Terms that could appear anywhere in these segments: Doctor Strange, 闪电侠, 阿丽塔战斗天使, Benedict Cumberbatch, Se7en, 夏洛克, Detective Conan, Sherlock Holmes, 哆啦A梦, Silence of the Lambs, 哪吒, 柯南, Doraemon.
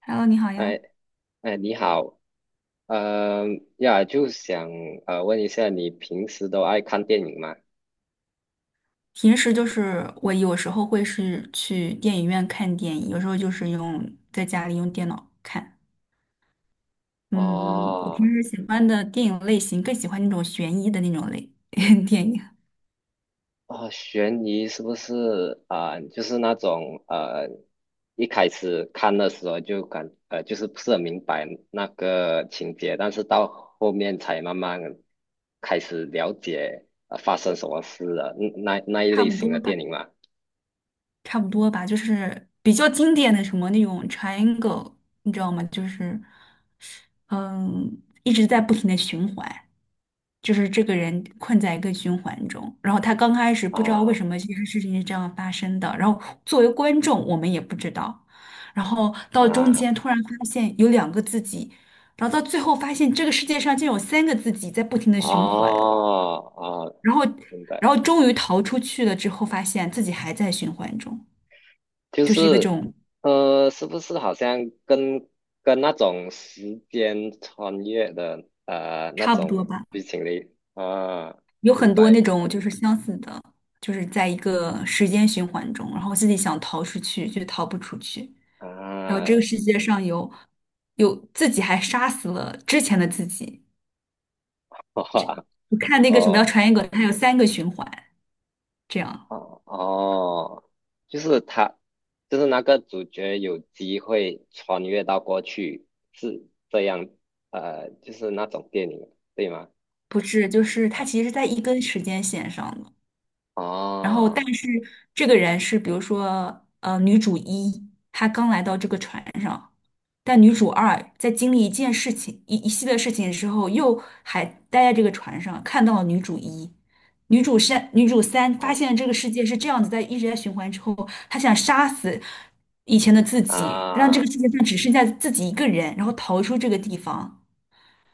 Hello，你好呀。哎哎，你好，呃呀，就想问一下，你平时都爱看电影吗？平时就是我有时候会是去电影院看电影，有时候就是用在家里用电脑看。嗯，我平哦时喜欢的电影类型更喜欢那种悬疑的那种类 电影，哦，悬疑是不是啊、就是那种一开始看的时候就是不是很明白那个情节，但是到后面才慢慢开始了解发生什么事了，那一差类不型的多吧。电影嘛。差不多吧，就是比较经典的什么那种 triangle，你知道吗？一直在不停的循环，就是这个人困在一个循环中，然后他刚开始不知道为啊什么这件事情是这样发生的，然后作为观众我们也不知道，然后到中啊间突然发现有两个自己，然后到最后发现这个世界上竟有三个自己在不停的哦循环，哦，然后明白。然后终于逃出去了之后，发现自己还在循环中。就就是一个这是，种是不是好像跟跟那种时间穿越的那差不多种吧，剧情里啊，有明很多白那明种白就是相似的，就是在一个时间循环中，然后自己想逃出去却逃不出去，然后这啊，个世界上有自己还杀死了之前的自己。哇我看那个什么叫哦传言梗，它有三个循环，这样。哦哦，就是他，就是那个主角有机会穿越到过去，是这样，就是那种电影对吗？不是，就是它其啊实是在一根时间线上的。然后但哦是这个人是比如说女主一，她刚来到这个船上，但女主二在经历一件事情一系列事情之后，又还待在这个船上，看到了女主一。女主三，女主三发哦现这个世界是这样子，在一直在循环之后，她想杀死以前的自己，让这个啊世界上只剩下自己一个人，然后逃出这个地方。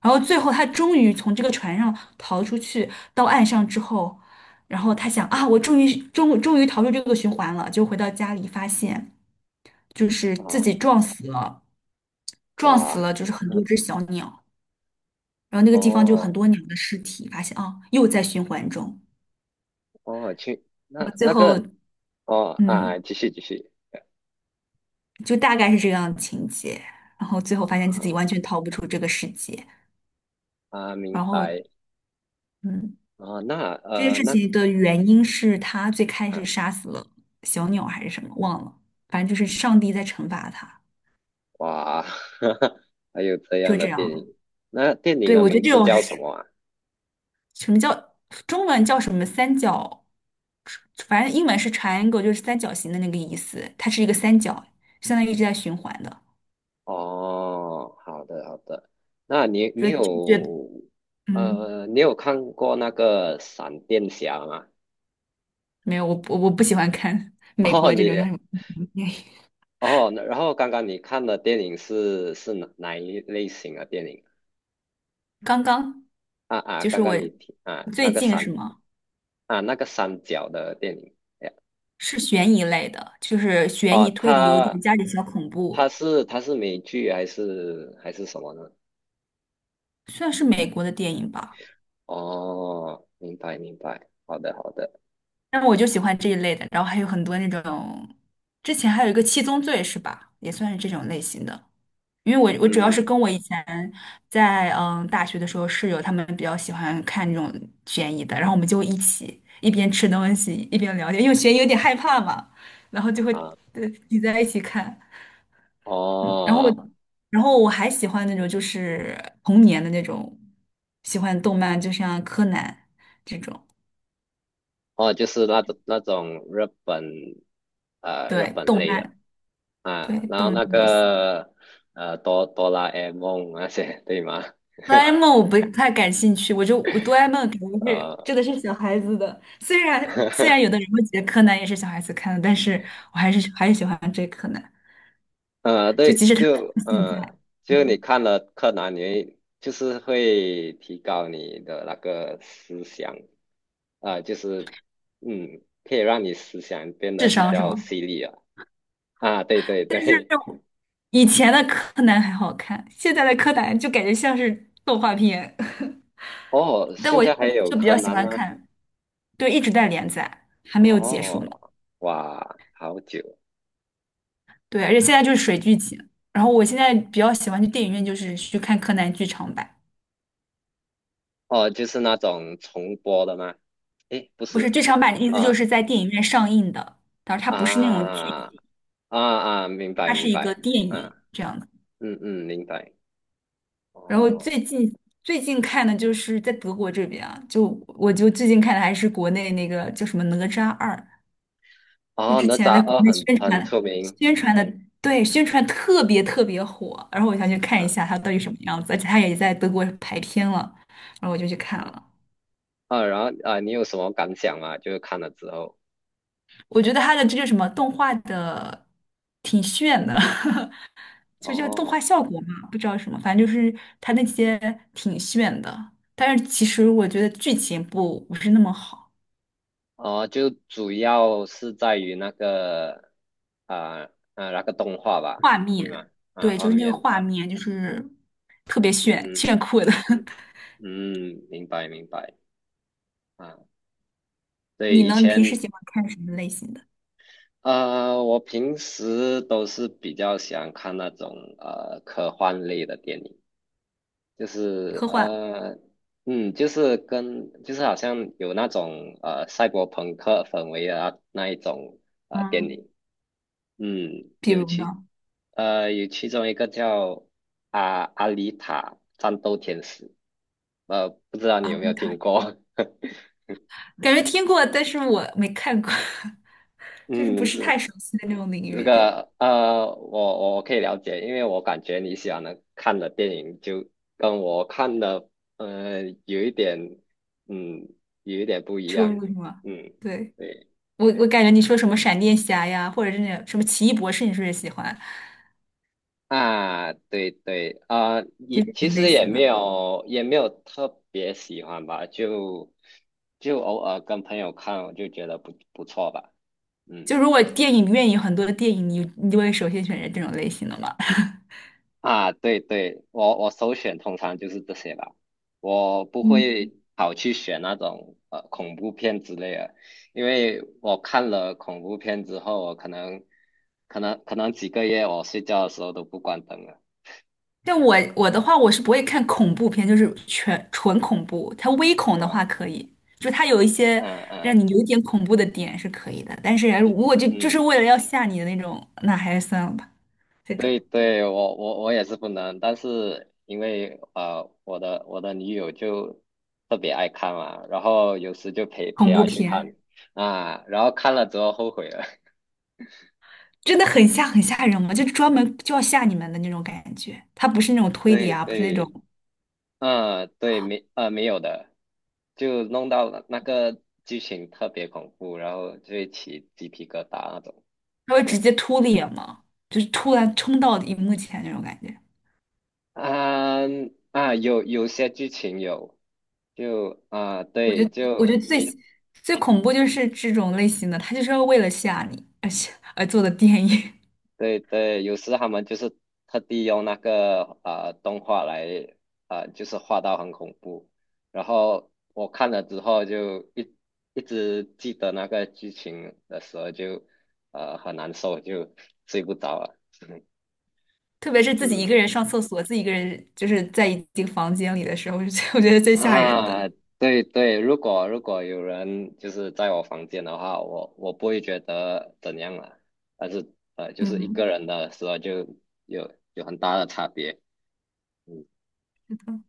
然后最后他终于从这个船上逃出去，到岸上之后，然后他想啊，我终于逃出这个循环了，就回到家里发现就是自己啊撞死了，撞死哇 了就是很 多只小鸟，然后那个地方就很哦。多鸟的尸体，发现啊又在循环中，哦，去然那后最那后个哦啊啊，嗯继续继续就大概是这样的情节，然后最后发啊现自己完全逃不出这个世界，啊，明然后白嗯。啊，那这件事那情的原因是他最开啊始杀死了小鸟还是什么，忘了，反正就是上帝在惩罚他，哇，还有这就样的这电样。影，那电影对，的我觉得名这字种叫什是么啊？什么叫中文叫什么三角，反正英文是 triangle，就是三角形的那个意思，它是一个三角，相当于一直在循环的，哦，好的好的，那你就觉得有嗯，你有看过那个闪电侠吗？没有，我不喜欢看 美哦国这种你叫什么 哦，那然后刚刚你看的电影是哪一类型的电影？刚刚啊啊，就是刚我刚你听啊那最个近闪。是吗？啊，那个三角的电影，哎呀是悬疑类的，就是悬疑哦，推理，有点他加点小恐他怖，是他是美剧还是什么呢？算是美国的电影吧。哦，明白明白，好的好的，但我就喜欢这一类的，然后还有很多那种，之前还有一个《七宗罪》是吧？也算是这种类型的。因为我主要是嗯跟我以前在大学的时候室友他们比较喜欢看这种悬疑的，然后我们就会一起一边吃东西一边聊天，因为悬疑有点害怕嘛，然后就会啊，呃挤在一起看。嗯，然后哦我还喜欢那种就是童年的那种，喜欢动漫，就像柯南这种，哦，就是那种日本日对，本动类的漫，对，啊，然后动漫那类型。个哆啦 A 梦那些对吗？哆啦 A 梦 我不太感兴趣，我哆啦 A 梦肯定是呃 真的是小孩子的，虽然 虽然有的人会觉得柯南也是小孩子看的，但是我还是喜欢追柯南，就对，即使他就现在，就你嗯，看了柯南，你会就是会提高你的那个思想，啊、就是嗯，可以让你思想变得智比商是较吗？犀利啊。啊，对对对，以前的柯南还好看，现在的柯南就感觉像是动画片。哦，但现我在还有就比柯较喜南欢吗？看，对，一直在连载，还没有结束呢。哦，哇，好久，对，而且现在就是水剧情。然后我现在比较喜欢去电影院，就是去看柯南剧场版，哦，就是那种重播的吗？诶，不不是是，剧场版的意思就啊是在电影院上映的，但是它不是那种剧啊啊集，啊，明白它明是一个白，电影啊，这样的。嗯嗯，明白。然后哦。最近看的就是在德国这边啊，就我就最近看的还是国内那个叫什么《哪吒二》，就哦，之哪前吒在国二内很很出名宣传的，对，宣传特别特别火，然后我想去看一下啊它到底什么样子，而且它也在德国排片了，然后我就去看啊了。啊！然后啊，你有什么感想吗？就是看了之后，我觉得他的这个什么动画的挺炫的，就叫动画哦效果嘛，不知道什么，反正就是他那些挺炫的，但是其实我觉得剧情不是那么好，哦，就主要是在于那个啊啊那个动画吧，画面，对吗？啊，对，就画是那个面，画面就是特别炫嗯炫酷的。嗯 嗯，明白明白啊。对，你以呢？你平时前喜欢看什么类型的？啊，我平时都是比较喜欢看那种科幻类的电影。就是科幻。嗯，就是跟就是好像有那种赛博朋克氛围的啊那一种电嗯，影，嗯，比有如其呢？有其中一个叫阿丽塔战斗天使，不知道你阿有没布有塔听过？感觉听过，但是我没看过，就是不嗯，是这。太熟悉的那种领这域。个我可以了解，因为我感觉你喜欢的看的电影就跟我看的，有一点，嗯，有一点不一出样，入是吗？嗯，对，对我感觉你说什么闪电侠呀，或者是那种什么奇异博士，你是不是也喜欢？啊，对对啊，就也是这其种类实也型没的。有也没有特别喜欢吧，就偶尔跟朋友看，我就觉得不错吧，嗯。就如果电影院有很多的电影，你就会首先选择这种类型的嘛？啊，对对，我首选通常就是这些吧，我不嗯会跑去选那种恐怖片之类的，因为我看了恐怖片之后，我可能几个月我睡觉的时候都不关灯了，但我的话，我是不会看恐怖片，就是全纯恐怖。它微恐的啊话可以，就它有一些嗯让嗯你有点恐怖的点是可以的。但是如果就嗯，是为了要吓你的那种，那还是算了吧。这种对对，我也是不能，但是因为我的女友就特别爱看嘛，然后有时就陪陪恐怖她去看片啊，然后看了之后后悔了。真的很吓人嘛，就是专门就要吓你们的那种感觉。它不是那种推理对啊，不是那种对，嗯，对，没，没有的，就弄到了那个剧情特别恐怖，然后就会起鸡皮疙瘩那种。它会直 接突脸嘛，就是突然冲到荧幕前那种感觉。啊啊，有些剧情有，就啊，我觉对，得，我觉得就最你最恐怖就是这种类型的，他就是要为了吓你而吓而做的电影，对对，有时他们就是特地用那个啊、动画来啊就是画到很恐怖，然后我看了之后就一直记得那个剧情的时候就很难受，就睡不着了。特别是自己一嗯个人上厕所，自己一个人就是在一个房间里的时候，是最 我觉得最吓人的。啊，对对，如果有人就是在我房间的话，我不会觉得怎样了，但是就是一个嗯，人的时候就有有很大的差别。嗯。是的。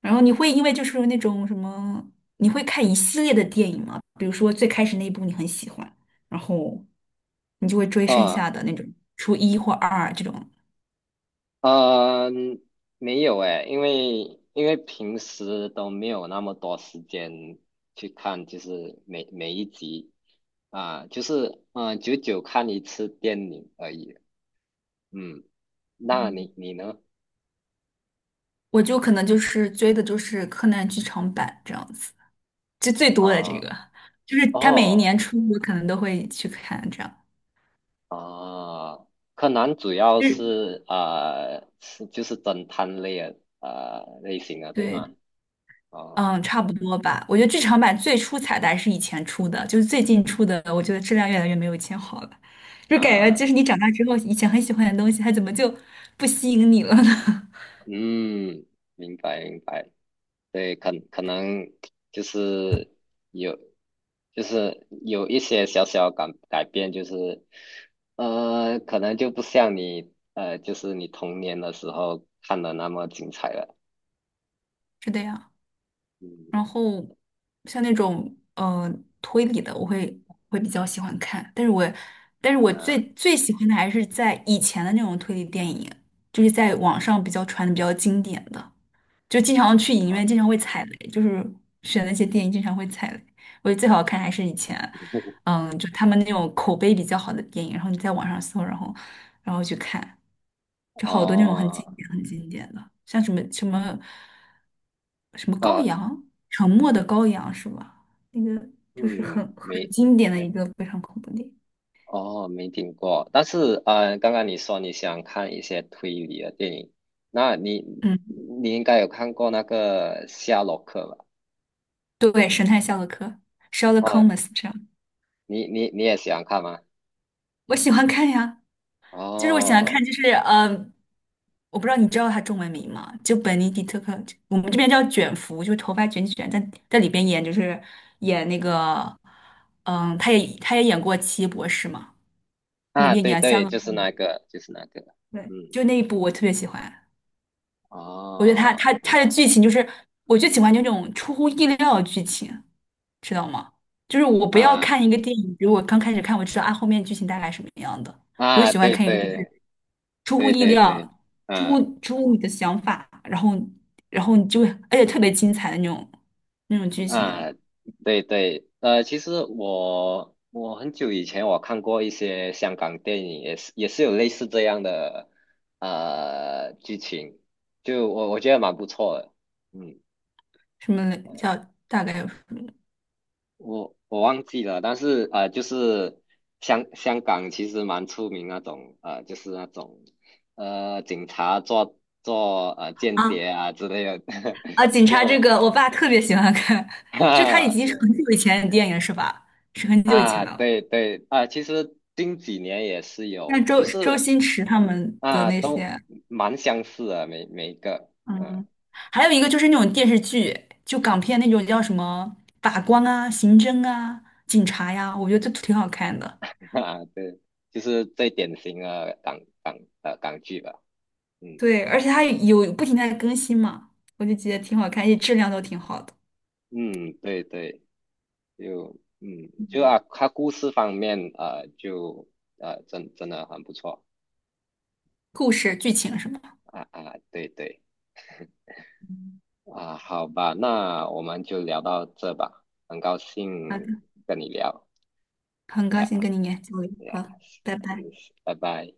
然后你会因为就是那种什么，你会看一系列的电影吗？比如说最开始那一部你很喜欢，然后你就会追剩哦，下的那种，初一或二这种。嗯，没有诶，因为平时都没有那么多时间去看，就是每一集啊，就是嗯，久久看一次电影而已。嗯，那你嗯，你呢？我就可能就是追的就是柯南剧场版这样子。就最多的这啊，个，就是他每一哦年出，我可能都会去看这样。啊，柯南主要日，就是侦探类的类型的，对吗？对，哦嗯，差不多吧。我觉得剧场版最初彩蛋是以前出的，就是最近出的，我觉得质量越来越没有以前好了。就感觉啊，就是你长大之后，以前很喜欢的东西，它怎么就不吸引你了呢？嗯，明白明白。对，可能就是有，就是有一些小小改变，就是可能就不像你就是你童年的时候看的那么精彩了。是的呀。嗯然后像那种推理的，会比较喜欢看，但是我啊，最最喜欢的还是在以前的那种推理电影，就是在网上比较传的比较经典的。就经常去影院，好经常会踩雷，就是选那些电影经常会踩雷。我觉得最好看还是以前，嗯，就他们那种口碑比较好的电影，然后你在网上搜，然后去看，就好多那种很哦，经典、很经典的，像什么什么羔呃，羊，沉默的羔羊是吧？那个就是嗯，很没，经典的一个非常恐怖电影。哦，没听过。但是刚刚你说你想看一些推理的电影，那你嗯，你应该有看过那个《夏洛克》吧？对，神探夏洛克 （Sherlock h o 哦，m e s 这样，你也喜欢看吗？我喜欢看呀。就是我喜欢哦，看，我不知道你知道他中文名吗？就本尼迪特克，我们这边叫卷福，就是头发卷卷，在里边演就是演那个，嗯，他也演过《奇异博士》嘛，里啊，面对演香对，港，就是那个，对，嗯，就那一部我特别喜欢，我觉得哦，那他的个，剧情就是我就喜欢那种出乎意料的剧情，知道吗？就是我不要啊看一个电影，比如我刚开始看，我知道啊后面剧情大概什么样的，我就啊，喜欢对看一个。就是。对出乎对意对对，料，出嗯乎出乎你的想法，然后你就会而且特别精彩的那种剧情的，啊，对对，其实我很久以前我看过一些香港电影，也是有类似这样的剧情，就我觉得蛮不错的，嗯什么叫大概有什么我忘记了，但是就是香港其实蛮出名那种就是那种警察做间啊谍啊之类的，啊？警就 察这个，我爸特别喜欢看，就他已啊经是对很久以前的电影了是吧？是很久以前啊的了。对对啊，其实近几年也是那有，就周是星驰他嗯们的啊那都些，蛮相似的每每一个嗯 嗯，还有一个就是那种电视剧，就港片那种叫什么法官啊、刑侦啊、警察呀，我觉得都挺好看的。啊对，就是最典型的港剧吧，嗯对，而且它有不停地在更新嘛，我就觉得挺好看，而且质量都挺好的，嗯对对。就嗯，就啊，它故事方面啊，就真的很不错故事、剧情什么的。啊啊，对对啊，好吧，那我们就聊到这吧，很高好兴的，跟你聊很高呀兴跟你研究，呀，好，拜嗯，拜。拜拜。